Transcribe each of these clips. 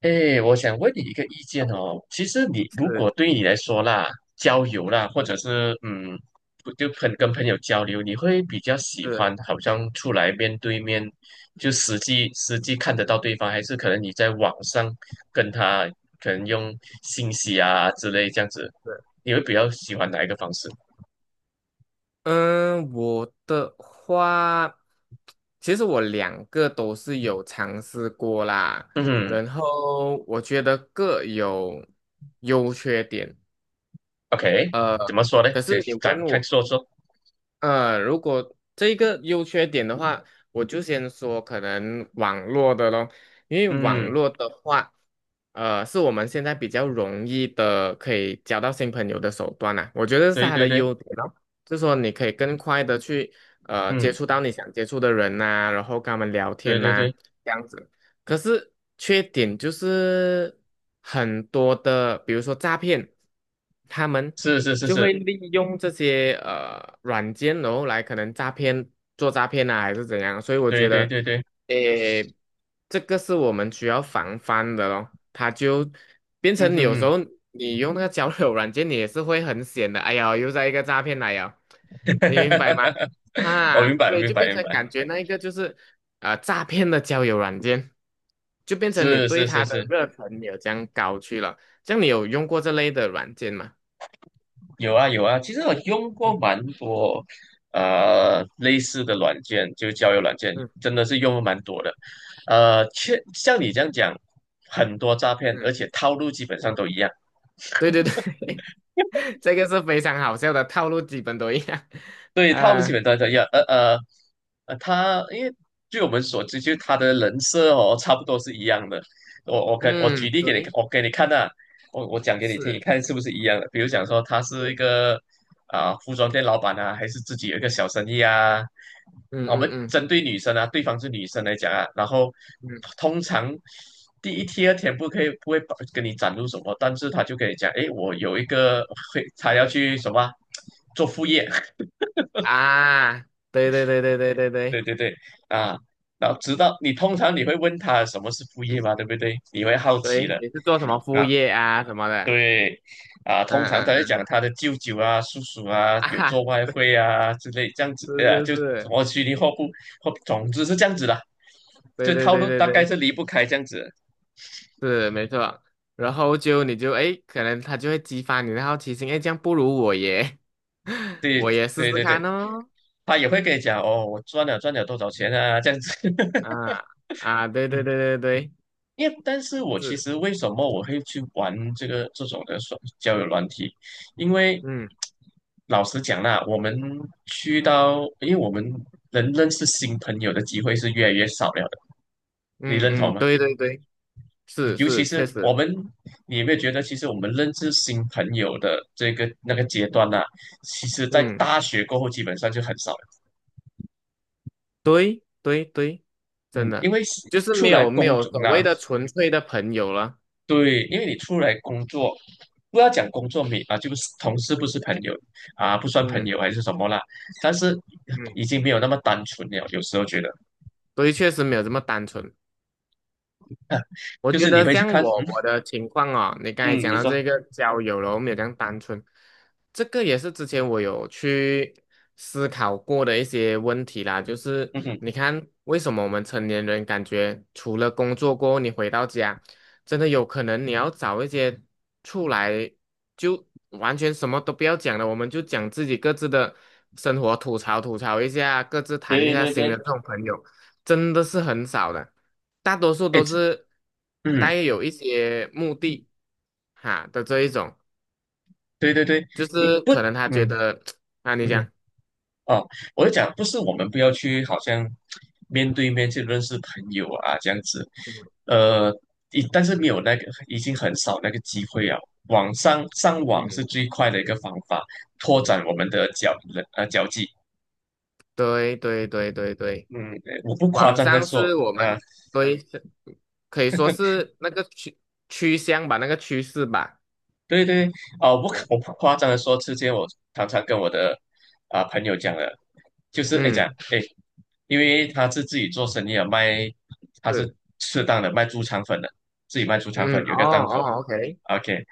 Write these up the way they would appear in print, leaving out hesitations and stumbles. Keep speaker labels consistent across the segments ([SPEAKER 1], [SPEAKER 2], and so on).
[SPEAKER 1] 哎，我想问你一个意见哦。其实你如果
[SPEAKER 2] 是
[SPEAKER 1] 对你来说啦，交友啦，或者是不就朋跟朋友交流，你会比较喜欢
[SPEAKER 2] 是
[SPEAKER 1] 好像出来面对面，就实际看得到对方，还是可能你在网上跟他可能用信息啊之类这样子，
[SPEAKER 2] 是，
[SPEAKER 1] 你会比较喜欢哪一个方式？
[SPEAKER 2] 嗯，我的话，其实我两个都是有尝试过啦，
[SPEAKER 1] 嗯
[SPEAKER 2] 然后我觉得各有优缺点，
[SPEAKER 1] ，OK，
[SPEAKER 2] 呃，
[SPEAKER 1] 怎么说呢？
[SPEAKER 2] 可
[SPEAKER 1] 先
[SPEAKER 2] 是你
[SPEAKER 1] 展
[SPEAKER 2] 问
[SPEAKER 1] 开
[SPEAKER 2] 我
[SPEAKER 1] 说说。
[SPEAKER 2] 如果这个优缺点的话，我就先说可能网络的咯，因为网
[SPEAKER 1] 嗯，
[SPEAKER 2] 络的话，是我们现在比较容易的可以交到新朋友的手段啦、我觉得是
[SPEAKER 1] 对
[SPEAKER 2] 它
[SPEAKER 1] 对
[SPEAKER 2] 的
[SPEAKER 1] 对，
[SPEAKER 2] 优点咯，就是说你可以更快的去接
[SPEAKER 1] 嗯，
[SPEAKER 2] 触到你想接触的人呐、然后跟他们聊
[SPEAKER 1] 对
[SPEAKER 2] 天
[SPEAKER 1] 对
[SPEAKER 2] 呐、
[SPEAKER 1] 对，
[SPEAKER 2] 这样子。可是缺点就是很多的，比如说诈骗，他们。
[SPEAKER 1] 是是是
[SPEAKER 2] 就会
[SPEAKER 1] 是，
[SPEAKER 2] 利用这些软件，然后来可能诈骗、做诈骗啊，还是怎样。所以我
[SPEAKER 1] 对
[SPEAKER 2] 觉
[SPEAKER 1] 对
[SPEAKER 2] 得，
[SPEAKER 1] 对对，
[SPEAKER 2] 诶，这个是我们需要防范的咯。它就变
[SPEAKER 1] 嗯
[SPEAKER 2] 成你
[SPEAKER 1] 哼
[SPEAKER 2] 有时
[SPEAKER 1] 哼。
[SPEAKER 2] 候你用那个交友软件，你也是会很险的。哎呀，又在一个诈骗来了，
[SPEAKER 1] 哈
[SPEAKER 2] 你
[SPEAKER 1] 哈
[SPEAKER 2] 明白吗？
[SPEAKER 1] 哈哈我明
[SPEAKER 2] 啊，
[SPEAKER 1] 白，
[SPEAKER 2] 所以
[SPEAKER 1] 明
[SPEAKER 2] 就
[SPEAKER 1] 白，
[SPEAKER 2] 变
[SPEAKER 1] 明
[SPEAKER 2] 成
[SPEAKER 1] 白，
[SPEAKER 2] 感觉那一个就是诈骗的交友软件，就变成你
[SPEAKER 1] 是
[SPEAKER 2] 对
[SPEAKER 1] 是是
[SPEAKER 2] 他的
[SPEAKER 1] 是，
[SPEAKER 2] 热忱没有这样高去了。像你有用过这类的软件吗？
[SPEAKER 1] 有啊有啊。其实我用过
[SPEAKER 2] 嗯
[SPEAKER 1] 蛮多类似的软件，就交友软件，
[SPEAKER 2] 嗯
[SPEAKER 1] 真的是用了蛮多的。确像你这样讲，很多诈骗，而
[SPEAKER 2] 嗯。
[SPEAKER 1] 且套路基本上都一样。
[SPEAKER 2] 对对对，这个是非常好笑的套路，基本都一样。
[SPEAKER 1] 对，他们基
[SPEAKER 2] 啊，
[SPEAKER 1] 本都一样，呃呃呃，他因为据我们所知，就是他的人设哦，差不多是一样的。我
[SPEAKER 2] 嗯，
[SPEAKER 1] 举例给你，
[SPEAKER 2] 对，
[SPEAKER 1] 我给你看呐、我讲给你听，你
[SPEAKER 2] 是，
[SPEAKER 1] 看是不是一样的？比如讲说他是一
[SPEAKER 2] 对，
[SPEAKER 1] 个啊、服装店老板啊，还是自己有一个小生意啊？啊
[SPEAKER 2] 嗯
[SPEAKER 1] 我
[SPEAKER 2] 嗯
[SPEAKER 1] 们
[SPEAKER 2] 嗯
[SPEAKER 1] 针对女生啊，对方是女生来讲啊，然后
[SPEAKER 2] 嗯
[SPEAKER 1] 通常第一、第二天不可以不会把跟你展露什么，但是他就跟你讲，诶，我有一个他要去什么啊做副业。
[SPEAKER 2] 啊，对对对对对对
[SPEAKER 1] 对
[SPEAKER 2] 对
[SPEAKER 1] 对对，啊，然后直到你通常你会问他什么是副业嘛，对不对？你会好奇
[SPEAKER 2] 对，
[SPEAKER 1] 的，
[SPEAKER 2] 你是做什么副
[SPEAKER 1] 啊，
[SPEAKER 2] 业啊什么的？
[SPEAKER 1] 对，啊，
[SPEAKER 2] 嗯
[SPEAKER 1] 通常
[SPEAKER 2] 嗯
[SPEAKER 1] 他会讲
[SPEAKER 2] 嗯
[SPEAKER 1] 他的舅舅啊、叔叔啊
[SPEAKER 2] 啊
[SPEAKER 1] 有
[SPEAKER 2] 哈，
[SPEAKER 1] 做外汇啊之类这样子，
[SPEAKER 2] 是是
[SPEAKER 1] 就什
[SPEAKER 2] 是，
[SPEAKER 1] 么虚拟货币或总之是这样子的，
[SPEAKER 2] 对
[SPEAKER 1] 这
[SPEAKER 2] 对
[SPEAKER 1] 套
[SPEAKER 2] 对
[SPEAKER 1] 路
[SPEAKER 2] 对
[SPEAKER 1] 大概
[SPEAKER 2] 对，
[SPEAKER 1] 是离不开这样子。
[SPEAKER 2] 是没错。然后就你就诶，可能他就会激发你的好奇心，诶，这样不如我耶，
[SPEAKER 1] 对
[SPEAKER 2] 我也试试
[SPEAKER 1] 对对
[SPEAKER 2] 看
[SPEAKER 1] 对，
[SPEAKER 2] 哦。
[SPEAKER 1] 他也会跟你讲哦，我赚了多少钱啊，这样子。
[SPEAKER 2] 啊啊，对对对对对，
[SPEAKER 1] 因为，但是我其
[SPEAKER 2] 是，
[SPEAKER 1] 实为什么我会去玩这种的交友软体？因为
[SPEAKER 2] 嗯
[SPEAKER 1] 老实讲啦，我们去到，因为我们能认识新朋友的机会是越来越少了的，你
[SPEAKER 2] 嗯
[SPEAKER 1] 认同
[SPEAKER 2] 嗯，
[SPEAKER 1] 吗？
[SPEAKER 2] 对对对。
[SPEAKER 1] 你
[SPEAKER 2] 是
[SPEAKER 1] 尤其
[SPEAKER 2] 是，确
[SPEAKER 1] 是我
[SPEAKER 2] 实，
[SPEAKER 1] 们，你有没有觉得，其实我们认识新朋友的这个阶段呢、其实在
[SPEAKER 2] 嗯，
[SPEAKER 1] 大学过后基本上就很少了。
[SPEAKER 2] 对对对，真
[SPEAKER 1] 嗯，因
[SPEAKER 2] 的
[SPEAKER 1] 为是
[SPEAKER 2] 就是
[SPEAKER 1] 出
[SPEAKER 2] 没
[SPEAKER 1] 来
[SPEAKER 2] 有没
[SPEAKER 1] 工
[SPEAKER 2] 有
[SPEAKER 1] 作
[SPEAKER 2] 所
[SPEAKER 1] 啊，
[SPEAKER 2] 谓的纯粹的朋友了，
[SPEAKER 1] 对，因为你出来工作，不要讲工作没啊，就是同事不是朋友啊，不算朋
[SPEAKER 2] 嗯
[SPEAKER 1] 友还是什么啦，但是
[SPEAKER 2] 嗯，
[SPEAKER 1] 已经没有那么单纯了。有时候觉得，
[SPEAKER 2] 所以确实没有这么单纯。我
[SPEAKER 1] 就
[SPEAKER 2] 觉
[SPEAKER 1] 是你
[SPEAKER 2] 得
[SPEAKER 1] 会去
[SPEAKER 2] 像
[SPEAKER 1] 看，
[SPEAKER 2] 我
[SPEAKER 1] 嗯
[SPEAKER 2] 我的情况哦，你刚才
[SPEAKER 1] 嗯，
[SPEAKER 2] 讲
[SPEAKER 1] 你
[SPEAKER 2] 到
[SPEAKER 1] 说，
[SPEAKER 2] 这个交友了，我们有这样单纯，这个也是之前我有去思考过的一些问题啦。就是
[SPEAKER 1] 嗯哼，
[SPEAKER 2] 你看，为什么我们成年人感觉除了工作过后，你回到家，真的有可能你要找一些出来就完全什么都不要讲了，我们就讲自己各自的生活，吐槽吐槽一下，各自谈一
[SPEAKER 1] 对
[SPEAKER 2] 下
[SPEAKER 1] 对
[SPEAKER 2] 心的
[SPEAKER 1] 对，
[SPEAKER 2] 这种朋友。真的是很少的，大多数
[SPEAKER 1] 哎，
[SPEAKER 2] 都
[SPEAKER 1] 这
[SPEAKER 2] 是
[SPEAKER 1] 嗯，
[SPEAKER 2] 带有一些目的哈的这一种，
[SPEAKER 1] 对对对，
[SPEAKER 2] 就
[SPEAKER 1] 你
[SPEAKER 2] 是
[SPEAKER 1] 不，
[SPEAKER 2] 可能他觉
[SPEAKER 1] 嗯
[SPEAKER 2] 得 啊，你
[SPEAKER 1] 嗯。
[SPEAKER 2] 讲，
[SPEAKER 1] 哦，我就讲，不是我们不要去，好像面对面去认识朋友啊，这样子，呃，但是没有那个，已经很少那个机会啊。网上上网是
[SPEAKER 2] 嗯，
[SPEAKER 1] 最快的一个方法，拓展我们的交际。
[SPEAKER 2] 对对对对对，
[SPEAKER 1] 嗯，我不夸
[SPEAKER 2] 网
[SPEAKER 1] 张的
[SPEAKER 2] 上
[SPEAKER 1] 说，
[SPEAKER 2] 是我
[SPEAKER 1] 啊、
[SPEAKER 2] 们对是可以说是那个趋向吧，那个趋势吧，
[SPEAKER 1] 对对，哦，不可，我
[SPEAKER 2] 嗯
[SPEAKER 1] 不夸张的说，之前我常常跟我的啊、朋友讲的，就是哎讲
[SPEAKER 2] 嗯
[SPEAKER 1] 哎，因为他是自己做生意啊，卖他是
[SPEAKER 2] 是
[SPEAKER 1] 适当的卖猪肠粉的，自己卖猪肠粉
[SPEAKER 2] 嗯
[SPEAKER 1] 有
[SPEAKER 2] 哦
[SPEAKER 1] 一个档口
[SPEAKER 2] 哦，OK
[SPEAKER 1] ，OK，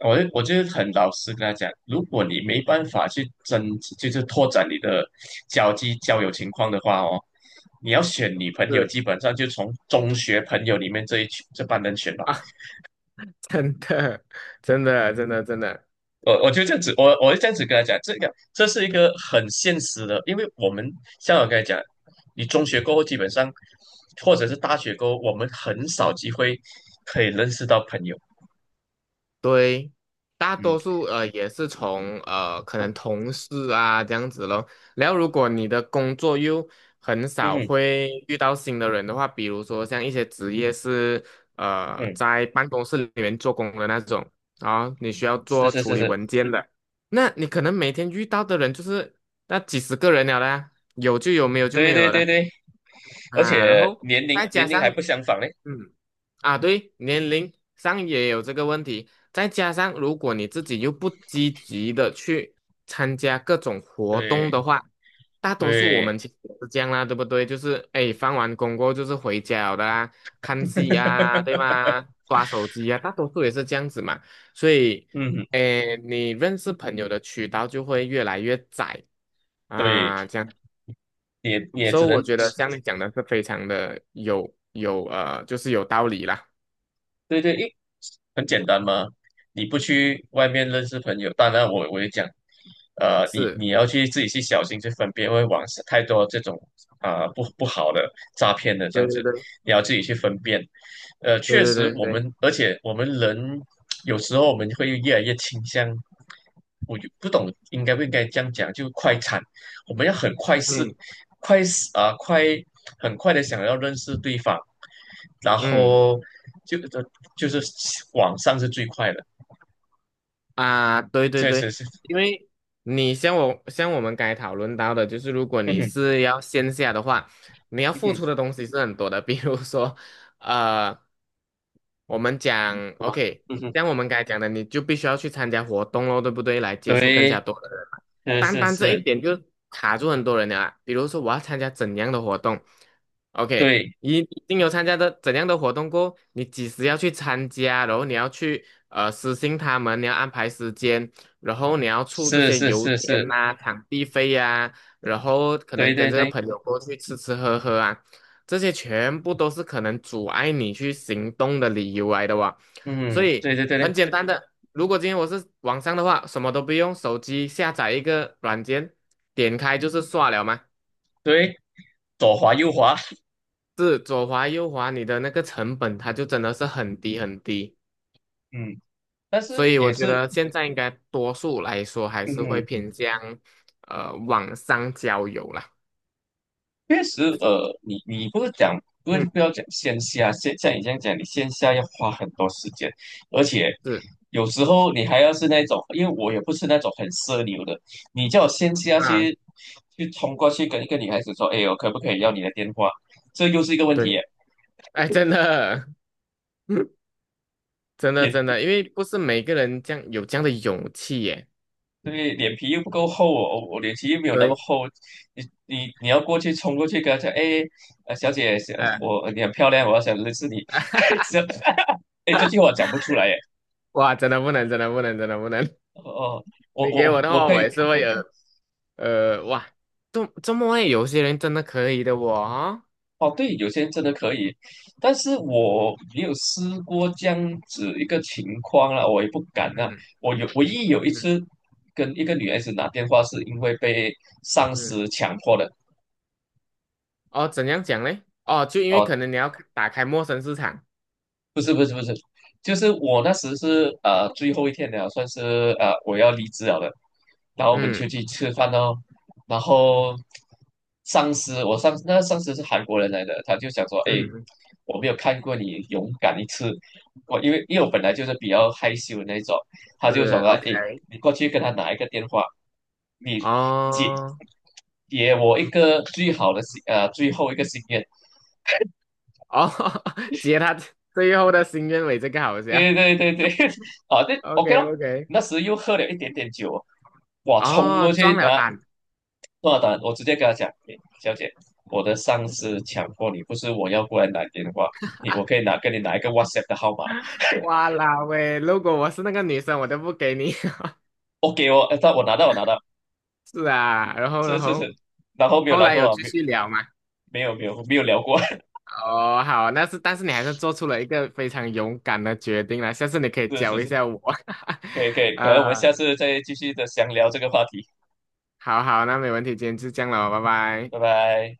[SPEAKER 1] 我就很老实跟他讲，如果你没办法去增，就是拓展你的交际交友情况的话哦，你要选女朋友，
[SPEAKER 2] 是
[SPEAKER 1] 基本上就从中学朋友里面这一群人选
[SPEAKER 2] 啊，真的真的真的真的。
[SPEAKER 1] 我就这样子，我就这样子跟他讲，这个这是一个很现实的，因为我们像我跟他讲，你中学过后基本上，或者是大学过后，我们很少机会可以认识到朋友。
[SPEAKER 2] 对，大
[SPEAKER 1] 嗯
[SPEAKER 2] 多数也是从可能同事啊这样子咯。然后如果你的工作又很少
[SPEAKER 1] 嗯
[SPEAKER 2] 会遇到新的人的话，比如说像一些职业是
[SPEAKER 1] 嗯，
[SPEAKER 2] 在办公室里面做工的那种啊，你需要
[SPEAKER 1] 是
[SPEAKER 2] 做
[SPEAKER 1] 是
[SPEAKER 2] 处
[SPEAKER 1] 是
[SPEAKER 2] 理
[SPEAKER 1] 是，
[SPEAKER 2] 文件的，那你可能每天遇到的人就是那几十个人了啦，有就有，没有就
[SPEAKER 1] 对
[SPEAKER 2] 没有
[SPEAKER 1] 对
[SPEAKER 2] 了
[SPEAKER 1] 对
[SPEAKER 2] 啦
[SPEAKER 1] 对，而
[SPEAKER 2] 啊。然
[SPEAKER 1] 且
[SPEAKER 2] 后
[SPEAKER 1] 年龄
[SPEAKER 2] 再加
[SPEAKER 1] 年龄还
[SPEAKER 2] 上
[SPEAKER 1] 不相仿嘞。
[SPEAKER 2] 嗯。啊，对，年龄上也有这个问题，再加上如果你自己又不积极的去参加各种活动
[SPEAKER 1] 对
[SPEAKER 2] 的话，大多数我
[SPEAKER 1] 对，
[SPEAKER 2] 们其实也是这样啦，对不对？就是哎，放完工过后就是回家了的啦，看戏啊，对 吗？刷手机啊，大多数也是这样子嘛。所以，
[SPEAKER 1] 嗯，
[SPEAKER 2] 哎，你认识朋友的渠道就会越来越窄
[SPEAKER 1] 对，
[SPEAKER 2] 啊，这样。
[SPEAKER 1] 也也
[SPEAKER 2] 所
[SPEAKER 1] 只
[SPEAKER 2] 以我
[SPEAKER 1] 能
[SPEAKER 2] 觉得像你讲的是非常的有有呃，就是有道理啦。
[SPEAKER 1] 对对，很简单嘛，你不去外面认识朋友，当然我也讲，呃，你
[SPEAKER 2] 是。
[SPEAKER 1] 你要去自己去小心去分辨，因为网上太多这种啊、不好的诈骗的这
[SPEAKER 2] 对
[SPEAKER 1] 样子，
[SPEAKER 2] 对对
[SPEAKER 1] 你要自己去分辨。呃，
[SPEAKER 2] 对
[SPEAKER 1] 确
[SPEAKER 2] 对
[SPEAKER 1] 实
[SPEAKER 2] 对
[SPEAKER 1] 我
[SPEAKER 2] 对，
[SPEAKER 1] 们，而且我们人有时候我们会越来越倾向，我就不懂应该不应该这样讲，就快餐，我们要很快是
[SPEAKER 2] 嗯
[SPEAKER 1] 快是啊、快很快的想要认识对方，然
[SPEAKER 2] 嗯
[SPEAKER 1] 后就就是网上是最快的，
[SPEAKER 2] 啊，对对
[SPEAKER 1] 确实
[SPEAKER 2] 对，
[SPEAKER 1] 是，
[SPEAKER 2] 因为你像我像我们刚才讨论到的，就是如果
[SPEAKER 1] 嗯
[SPEAKER 2] 你
[SPEAKER 1] 哼，
[SPEAKER 2] 是要线下的话，你要
[SPEAKER 1] 嗯
[SPEAKER 2] 付出的
[SPEAKER 1] 哼，
[SPEAKER 2] 东西是很多的，比如说，呃，我们讲
[SPEAKER 1] 好吧，
[SPEAKER 2] OK，
[SPEAKER 1] 嗯哼，
[SPEAKER 2] 像我们刚才讲的，你就必须要去参加活动喽，对不对？来接触更
[SPEAKER 1] 对，
[SPEAKER 2] 加多的人嘛，
[SPEAKER 1] 是
[SPEAKER 2] 单
[SPEAKER 1] 是
[SPEAKER 2] 单这一
[SPEAKER 1] 是，
[SPEAKER 2] 点就卡住很多人了啊。比如说，我要参加怎样的活动？OK，
[SPEAKER 1] 对，
[SPEAKER 2] 一定有参加的怎样的活动过你几时要去参加，然后你要去私信他们，你要安排时间，然后你要出这
[SPEAKER 1] 是
[SPEAKER 2] 些
[SPEAKER 1] 是
[SPEAKER 2] 油
[SPEAKER 1] 是是，
[SPEAKER 2] 钱呐、啊场地费呀、啊然后可能
[SPEAKER 1] 对
[SPEAKER 2] 跟
[SPEAKER 1] 对
[SPEAKER 2] 这个
[SPEAKER 1] 对，
[SPEAKER 2] 朋友过去吃吃喝喝啊，这些全部都是可能阻碍你去行动的理由来的哇。所
[SPEAKER 1] 嗯，
[SPEAKER 2] 以
[SPEAKER 1] 对对对
[SPEAKER 2] 很
[SPEAKER 1] 对
[SPEAKER 2] 简单的，如果今天我是网上的话，什么都不用，手机下载一个软件，点开就是刷了嘛。
[SPEAKER 1] 对，左滑右滑，
[SPEAKER 2] 是左滑右滑，你的那个成本它就真的是很低很低，
[SPEAKER 1] 嗯，但
[SPEAKER 2] 所
[SPEAKER 1] 是
[SPEAKER 2] 以我
[SPEAKER 1] 也
[SPEAKER 2] 觉
[SPEAKER 1] 是，
[SPEAKER 2] 得现在应该多数来说还
[SPEAKER 1] 嗯
[SPEAKER 2] 是会
[SPEAKER 1] 哼。
[SPEAKER 2] 偏向网上交友啦。
[SPEAKER 1] 确实，呃，你你不是讲不是
[SPEAKER 2] 嗯，
[SPEAKER 1] 不要讲线下，像你这样讲，你线下要花很多时间，而且
[SPEAKER 2] 是
[SPEAKER 1] 有时候你还要是那种，因为我也不是那种很奢流的，你叫我线下
[SPEAKER 2] 啊，
[SPEAKER 1] 去冲过去跟一个女孩子说，哎，我可不可以要你的电话？这又是一个问题
[SPEAKER 2] 对，
[SPEAKER 1] 耶，
[SPEAKER 2] 哎，真的，真的真
[SPEAKER 1] 脸
[SPEAKER 2] 的，因为不是每个人这样有这样的勇气耶。
[SPEAKER 1] 对脸皮又不够厚哦，我脸皮又没有那么
[SPEAKER 2] 对，
[SPEAKER 1] 厚，你要过去冲过去跟她讲，哎，呃，小姐，
[SPEAKER 2] 呃，
[SPEAKER 1] 你很漂亮，我要想认识你，这 哎，这句话讲不出来耶。
[SPEAKER 2] 哇，真的不能，真的不能，真的不能。
[SPEAKER 1] 哦，我
[SPEAKER 2] 你给
[SPEAKER 1] 我
[SPEAKER 2] 我的
[SPEAKER 1] 我
[SPEAKER 2] 话，
[SPEAKER 1] 可
[SPEAKER 2] 我
[SPEAKER 1] 以
[SPEAKER 2] 也是会有哇，这么会有些人真的可以的我哦。
[SPEAKER 1] 哦，对，有些人真的可以，但是我没有试过这样子一个情况啦，我也不敢啊。
[SPEAKER 2] 嗯
[SPEAKER 1] 我有唯一有一
[SPEAKER 2] 嗯
[SPEAKER 1] 次跟一个女孩子打电话，是因为被上
[SPEAKER 2] 嗯。
[SPEAKER 1] 司强迫的。
[SPEAKER 2] 哦，怎样讲嘞？哦，就因为可
[SPEAKER 1] 哦。
[SPEAKER 2] 能你要打开陌生市场，
[SPEAKER 1] 不是不是不是，就是我那时是最后一天了，算是我要离职了的，然后我们就
[SPEAKER 2] 嗯
[SPEAKER 1] 去吃饭哦，然后上司我上那上司是韩国人来的，他就想说，哎，
[SPEAKER 2] 嗯，
[SPEAKER 1] 我没有看过你勇敢一次，我因为我本来就是比较害羞的那种，他就说
[SPEAKER 2] 是
[SPEAKER 1] 了，
[SPEAKER 2] OK，
[SPEAKER 1] 哎，你过去跟他拿一个电话，你解
[SPEAKER 2] 哦
[SPEAKER 1] 给我一个最后一个心愿，
[SPEAKER 2] 哦，接他最后的心愿尾，这个好笑
[SPEAKER 1] 对对对对，啊，对
[SPEAKER 2] ，OK
[SPEAKER 1] ，OK 咯。
[SPEAKER 2] OK，
[SPEAKER 1] 那时又喝了一点点酒，哇，冲过
[SPEAKER 2] 哦，撞
[SPEAKER 1] 去
[SPEAKER 2] 了
[SPEAKER 1] 拿
[SPEAKER 2] 胆，
[SPEAKER 1] 多单，我直接跟他讲，诶小姐，我的上司强迫你，不是我要过来拿电话，我可以跟你拿一个 WhatsApp 的号码
[SPEAKER 2] 哇啦喂，如果我是那个女生，我都不给你，
[SPEAKER 1] ，OK 哦，我拿到，
[SPEAKER 2] 是啊，然后然
[SPEAKER 1] 是是
[SPEAKER 2] 后
[SPEAKER 1] 是，然后没有
[SPEAKER 2] 后
[SPEAKER 1] 来
[SPEAKER 2] 来
[SPEAKER 1] 头
[SPEAKER 2] 有
[SPEAKER 1] 话，
[SPEAKER 2] 继续聊嘛？
[SPEAKER 1] 没有没有没有没有聊过，
[SPEAKER 2] 哦，好，那是但是你还是做出了一个非常勇敢的决定了，下次你可以
[SPEAKER 1] 是
[SPEAKER 2] 教
[SPEAKER 1] 是
[SPEAKER 2] 一
[SPEAKER 1] 是，
[SPEAKER 2] 下我，
[SPEAKER 1] 可以可以，可能
[SPEAKER 2] 呃，
[SPEAKER 1] 我们下次再继续的详聊这个话题，
[SPEAKER 2] 好好，那没问题，今天就这样了，拜拜。
[SPEAKER 1] 拜拜。